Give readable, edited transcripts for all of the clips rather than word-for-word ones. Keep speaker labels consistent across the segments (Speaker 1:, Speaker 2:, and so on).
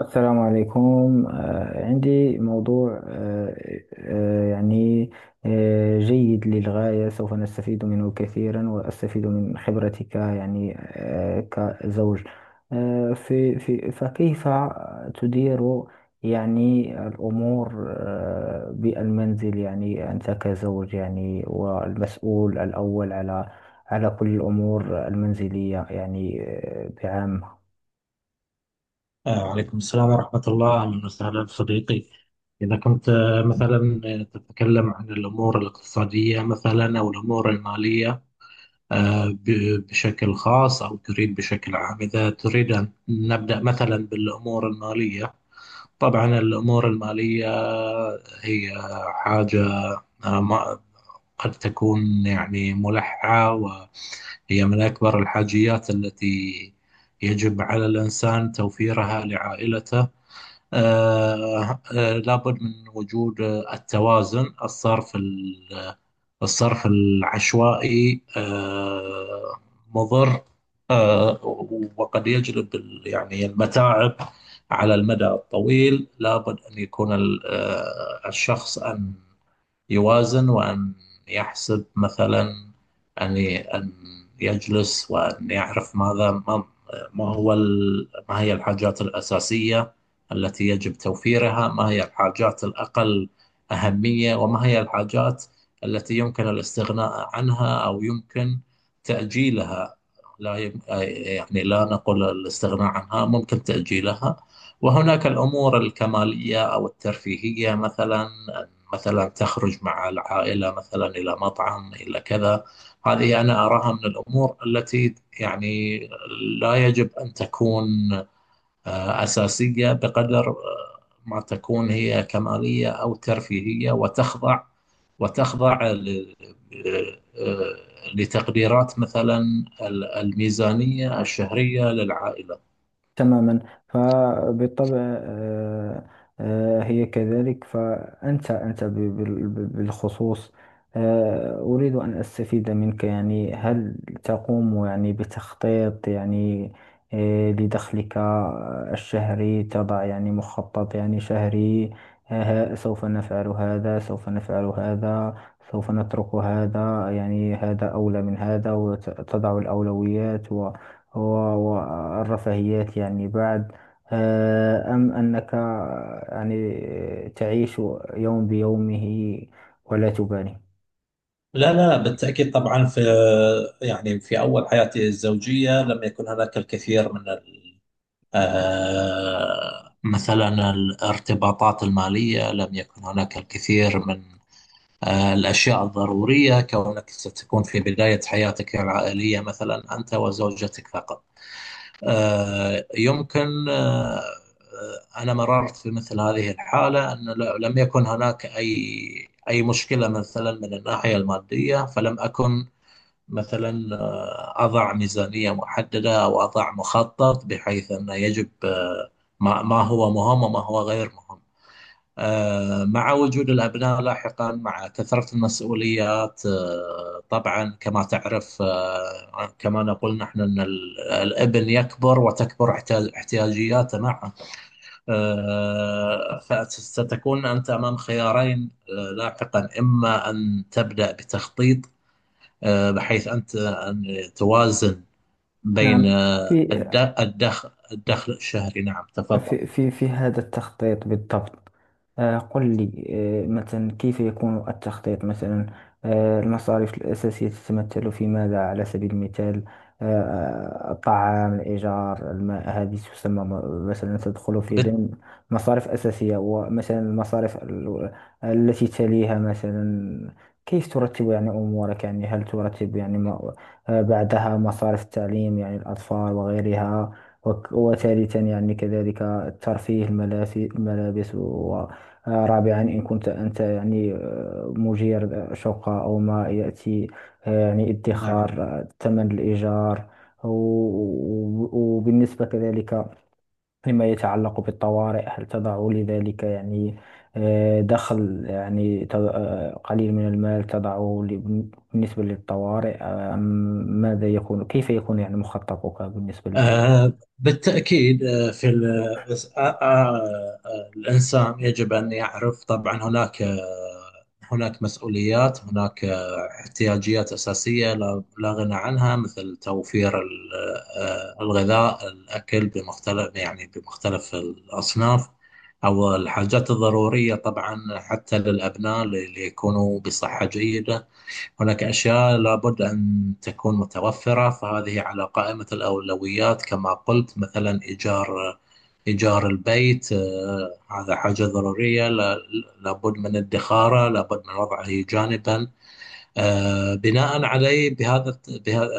Speaker 1: السلام عليكم، عندي موضوع، يعني، جيد للغاية، سوف نستفيد منه كثيرا وأستفيد من خبرتك، يعني، كزوج. في فكيف تدير يعني الأمور، بالمنزل، يعني أنت كزوج، يعني والمسؤول الأول على كل الأمور المنزلية، يعني، بعامة.
Speaker 2: وعليكم السلام ورحمة الله، أهلا وسهلا صديقي. إذا كنت مثلا تتكلم عن الأمور الاقتصادية، مثلا، أو الأمور المالية بشكل خاص، أو تريد بشكل عام. إذا تريد أن نبدأ مثلا بالأمور المالية، طبعا الأمور المالية هي حاجة آه، ما- قد تكون يعني ملحة، وهي من أكبر الحاجيات التي يجب على الإنسان توفيرها لعائلته. لابد من وجود التوازن. الصرف الصرف العشوائي مضر، آه، وقد يجلب يعني المتاعب على المدى الطويل. لابد أن يكون الشخص أن يوازن، وأن يحسب مثلا، أن يجلس وأن يعرف ماذا ما ما هو ال- ما هي الحاجات الأساسية التي يجب توفيرها، ما هي الحاجات الأقل أهمية، وما هي الحاجات التي يمكن الاستغناء عنها أو يمكن تأجيلها. لا يم... يعني لا نقول الاستغناء عنها، ممكن تأجيلها. وهناك الأمور الكمالية أو الترفيهية، مثلا تخرج مع العائلة مثلا إلى مطعم، إلى كذا. هذه أنا أراها من الأمور التي يعني لا يجب أن تكون أساسية بقدر ما تكون هي كمالية أو ترفيهية، وتخضع وتخضع ل- لتقديرات مثلا الميزانية الشهرية للعائلة.
Speaker 1: تماما. فبالطبع، هي كذلك. فأنت بالخصوص. أريد أن أستفيد منك، يعني هل تقوم يعني بتخطيط، يعني، لدخلك الشهري؟ تضع يعني مخطط يعني شهري. سوف نفعل هذا، سوف نفعل هذا، سوف نترك هذا، يعني هذا أولى من هذا، وتضع الأولويات هو، والرفاهيات يعني بعد. أم أنك، يعني تعيش يوم بيومه ولا تبالي؟
Speaker 2: لا، لا، بالتأكيد. طبعا، يعني في أول حياتي الزوجية لم يكن هناك الكثير من مثلا الارتباطات المالية، لم يكن هناك الكثير من الأشياء الضرورية، كونك ستكون في بداية حياتك العائلية مثلا أنت وزوجتك فقط. يمكن أنا مررت في مثل هذه الحالة، لم يكن هناك أي مشكلة مثلا من الناحية المادية، فلم أكن مثلا أضع ميزانية محددة أو أضع مخطط بحيث أن يجب ما هو مهم وما هو غير مهم. مع وجود الأبناء لاحقا، مع كثرة المسؤوليات، طبعا كما تعرف، كما نقول نحن، أن الابن يكبر، وتكبر احتياجياته معه. فستكون أنت أمام خيارين لاحقا، إما أن تبدأ بتخطيط بحيث أنت أن توازن بين
Speaker 1: نعم، في
Speaker 2: الدخل، الشهري. نعم، تفضل.
Speaker 1: في هذا التخطيط بالضبط. قل لي، مثلا كيف يكون التخطيط؟ مثلا، المصاريف الأساسية تتمثل في ماذا على سبيل المثال؟ الطعام، الإيجار، الماء، هذه تسمى مثلا تدخل في
Speaker 2: بت-
Speaker 1: ضمن مصاريف أساسية. ومثلا المصاريف التي تليها، مثلا كيف ترتب يعني أمورك، يعني هل ترتب يعني بعدها مصاريف التعليم، يعني الأطفال وغيرها. وثالثا يعني كذلك الترفيه، الملابس، ورابعا إن كنت أنت يعني، مدير شقة أو ما يأتي، يعني
Speaker 2: نعم.
Speaker 1: ادخار، ثمن الإيجار. وبالنسبة كذلك لما يتعلق بالطوارئ، هل تضع لذلك يعني، دخل، يعني قليل من المال تضعه بالنسبة للطوارئ؟ أم ماذا يكون؟ كيف يكون يعني مخططك بالنسبة؟
Speaker 2: آه، بالتأكيد. آه، في ال- آه، آه، آه، الإنسان يجب أن يعرف طبعا. هناك مسؤوليات، هناك احتياجيات أساسية لا غنى عنها، مثل توفير الغذاء، الأكل يعني بمختلف الأصناف، أو الحاجات الضرورية، طبعا حتى للأبناء ليكونوا بصحة جيدة. هناك أشياء لابد أن تكون متوفرة، فهذه على قائمة الأولويات. كما قلت، مثلا إيجار البيت، هذا حاجة ضرورية. لابد من ادخاره، لابد من وضعه جانبا. بناء عليه، بهذا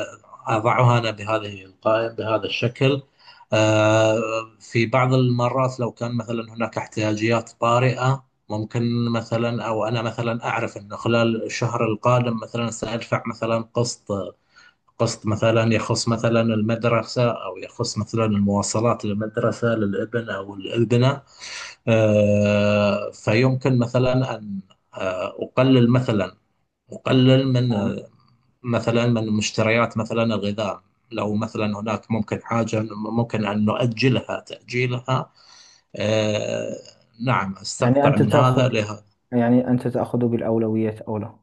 Speaker 2: أضعها أنا، بهذه القائمة بهذا الشكل. آه، في بعض المرات، لو كان مثلا هناك احتياجيات طارئة ممكن، مثلا أو أنا مثلا أعرف أنه خلال الشهر القادم مثلا سأدفع مثلا قسط، مثلا يخص مثلا المدرسة، أو يخص مثلا المواصلات للمدرسة، للابن أو الابنة. فيمكن مثلا أن أقلل مثلا، وقلل
Speaker 1: نعم.
Speaker 2: مثلا من مشتريات مثلا الغذاء، لو مثلا هناك ممكن حاجة ممكن أن تأجيلها. آه نعم،
Speaker 1: يعني
Speaker 2: استقطع
Speaker 1: أنت
Speaker 2: من
Speaker 1: تأخذ
Speaker 2: هذا لهذا.
Speaker 1: يعني أنت تأخذ بالأولويات أولى.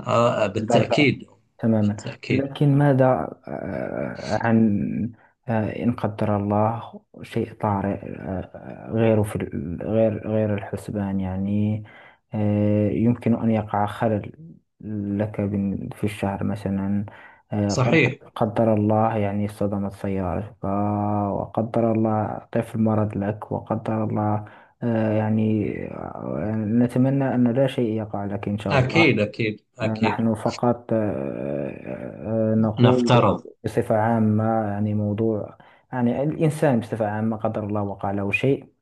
Speaker 1: بالفعل،
Speaker 2: بالتأكيد.
Speaker 1: تماما.
Speaker 2: بالتأكيد.
Speaker 1: لكن ماذا عن، إن قدر الله شيء طارئ، غير في ال- غير الحسبان؟ يعني، يمكن أن يقع خلل لك في الشهر مثلا. آه، قد
Speaker 2: صحيح.
Speaker 1: قدر الله يعني صدمت سيارتك، وقدر الله طفل مرض لك، وقدر الله، يعني، نتمنى أن لا شيء يقع لك، إن شاء
Speaker 2: أكيد،
Speaker 1: الله.
Speaker 2: أكيد، أكيد.
Speaker 1: نحن فقط نقول
Speaker 2: نفترض.
Speaker 1: بصفة عامة، يعني موضوع، يعني الإنسان بصفة عامة قدر الله وقع له شيء،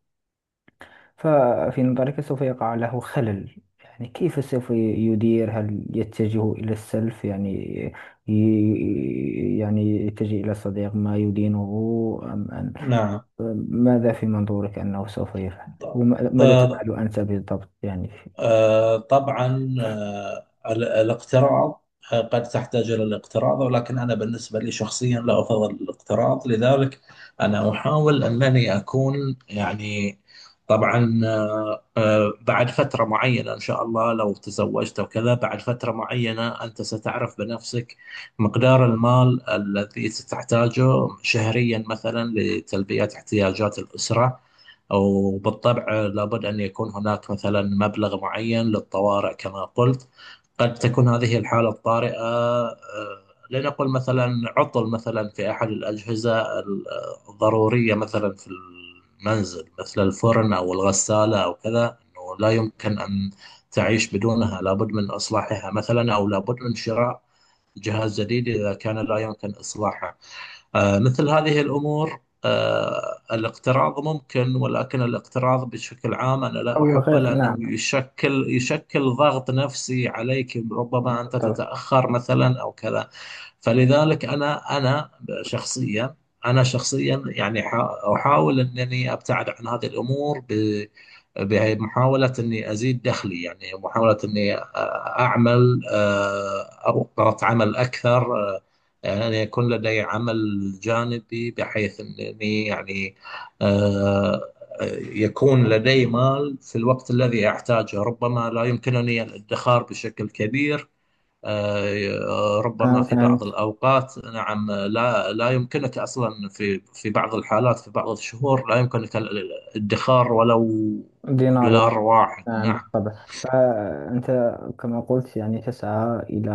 Speaker 1: ففي نظرك سوف يقع له خلل. يعني كيف سوف يدير؟ هل يتجه إلى السلف، يعني يعني يتجه إلى صديق ما يدينه؟ أم أن
Speaker 2: نعم.
Speaker 1: ماذا في منظورك أنه سوف يفعل؟ وماذا تفعل أنت بالضبط يعني؟
Speaker 2: طبعا الاقتراض، قد تحتاج إلى الاقتراض، ولكن أنا بالنسبة لي شخصيا لا أفضل الاقتراض. لذلك أنا أحاول أنني أكون، يعني، طبعا بعد فترة معينة إن شاء الله، لو تزوجت وكذا، بعد فترة معينة أنت ستعرف بنفسك مقدار المال الذي ستحتاجه شهريا مثلا لتلبية احتياجات الأسرة. أو بالطبع لابد أن يكون هناك مثلا مبلغ معين للطوارئ، كما قلت. قد تكون هذه الحالة الطارئة لنقل مثلا عطل مثلا في أحد الأجهزة الضرورية مثلا في المنزل، مثل الفرن أو الغسالة أو كذا، أنه لا يمكن أن تعيش بدونها، لابد من إصلاحها مثلا، أو لابد من شراء جهاز جديد إذا كان لا يمكن إصلاحه. مثل هذه الأمور، الاقتراض ممكن، ولكن الاقتراض بشكل عام أنا لا
Speaker 1: أو
Speaker 2: أحبه،
Speaker 1: غير،
Speaker 2: لأنه
Speaker 1: نعم،
Speaker 2: يشكل ضغط نفسي عليك، ربما أنت
Speaker 1: بالضبط.
Speaker 2: تتأخر مثلا أو كذا. فلذلك أنا شخصيا، يعني أحاول أنني أبتعد عن هذه الأمور بمحاولة أني أزيد دخلي، يعني محاولة أني أعمل أوقات عمل أكثر، يعني يكون لدي عمل جانبي، بحيث أنني يعني آه، يكون لدي مال في الوقت الذي أحتاجه. ربما لا يمكنني الادخار بشكل كبير، ربما في بعض
Speaker 1: فهمت
Speaker 2: الأوقات، نعم، لا يمكنك أصلا، في بعض الحالات، في بعض الشهور، لا يمكنك الادخار ولو
Speaker 1: دينار.
Speaker 2: دولار واحد.
Speaker 1: نعم،
Speaker 2: نعم.
Speaker 1: بالطبع. فأنت كما قلت يعني تسعى إلى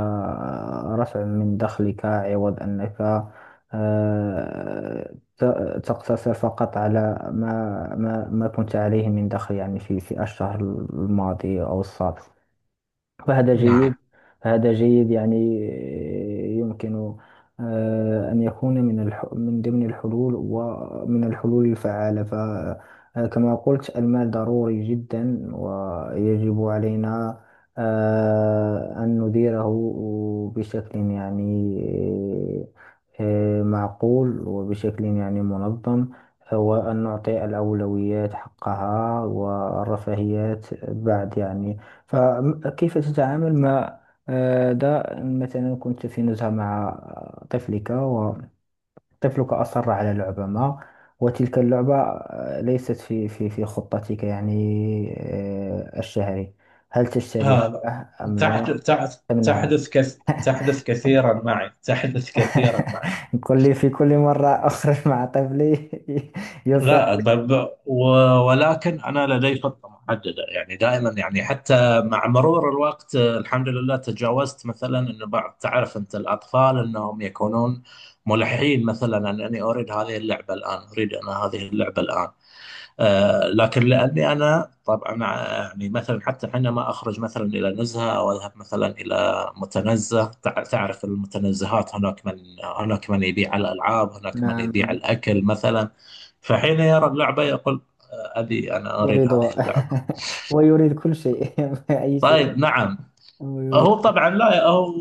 Speaker 1: رفع من دخلك عوض أنك تقتصر فقط على ما كنت عليه من دخل، يعني في الشهر الماضي أو السابق. فهذا
Speaker 2: نعم.
Speaker 1: جيد، فهذا جيد. يعني يمكن، أن يكون من ضمن الحلول ومن الحلول الفعالة. فكما قلت المال ضروري جدا، ويجب علينا، أن نديره بشكل يعني، معقول، وبشكل يعني منظم، وأن نعطي الأولويات حقها، والرفاهيات بعد يعني. فكيف تتعامل مع، ده مثلا كنت في نزهة مع طفلك، وطفلك أصر على لعبة ما، وتلك اللعبة، ليست في خطتك، يعني، الشهري؟ هل تشتريها
Speaker 2: هذا...
Speaker 1: أم لا تمنعه؟
Speaker 2: تحدث كثيرا معي، تحدث كثيرا معي.
Speaker 1: في كل مرة أخرج مع طفلي يصر.
Speaker 2: لا. ولكن أنا لدي خطة محددة، يعني دائما، يعني حتى مع مرور الوقت، الحمد لله، تجاوزت مثلا، أنه بعض... تعرف أنت الأطفال أنهم يكونون ملحين، مثلا: أنني أريد هذه اللعبة الآن، أريد أنا هذه اللعبة الآن. لكن لاني انا طبعا يعني مثلا، حتى حينما اخرج مثلا الى نزهه او اذهب مثلا الى متنزه، تعرف المتنزهات، هناك من يبيع الالعاب، هناك من
Speaker 1: نعم،
Speaker 2: يبيع
Speaker 1: نعم.
Speaker 2: الاكل مثلا. فحين يرى اللعبه يقول: ابي، انا اريد هذه
Speaker 1: أريده.
Speaker 2: اللعبه.
Speaker 1: ويريد كل شيء، أي شيء،
Speaker 2: طيب، نعم.
Speaker 1: ويريد
Speaker 2: هو
Speaker 1: كل شيء.
Speaker 2: طبعا، لا، هو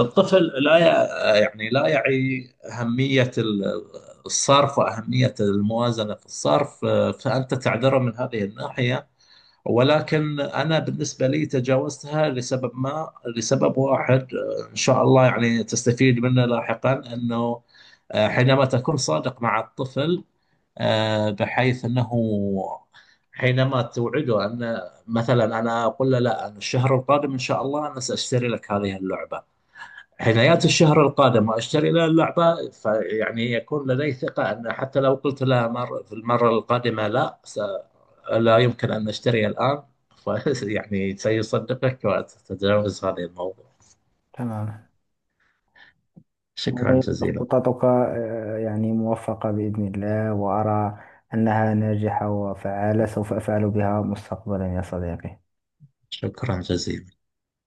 Speaker 2: الطفل لا يعني لا يعي أهمية الصرف، وأهمية الموازنة في الصرف. فأنت تعذره من هذه الناحية، ولكن أنا بالنسبة لي تجاوزتها لسبب ما، لسبب واحد إن شاء الله يعني تستفيد منه لاحقا، أنه حينما تكون صادق مع الطفل، بحيث أنه حينما توعده، أن مثلا أنا أقول له: لا، أنا الشهر القادم إن شاء الله أنا سأشتري لك هذه اللعبة، عنايات الشهر القادم وأشتري لها اللعبة، فيعني يكون لدي ثقة أن حتى لو قلت لها مر في المرة القادمة لا يمكن أن أشتري الآن، يعني سيصدقك، وتتجاوز هذا الموضوع.
Speaker 1: تمام.
Speaker 2: شكرا
Speaker 1: يعني
Speaker 2: جزيلا.
Speaker 1: خططك، يعني موفقة بإذن الله، وأرى أنها ناجحة وفعالة، سوف أفعل بها مستقبلا يا صديقي.
Speaker 2: شكرا جزيلا.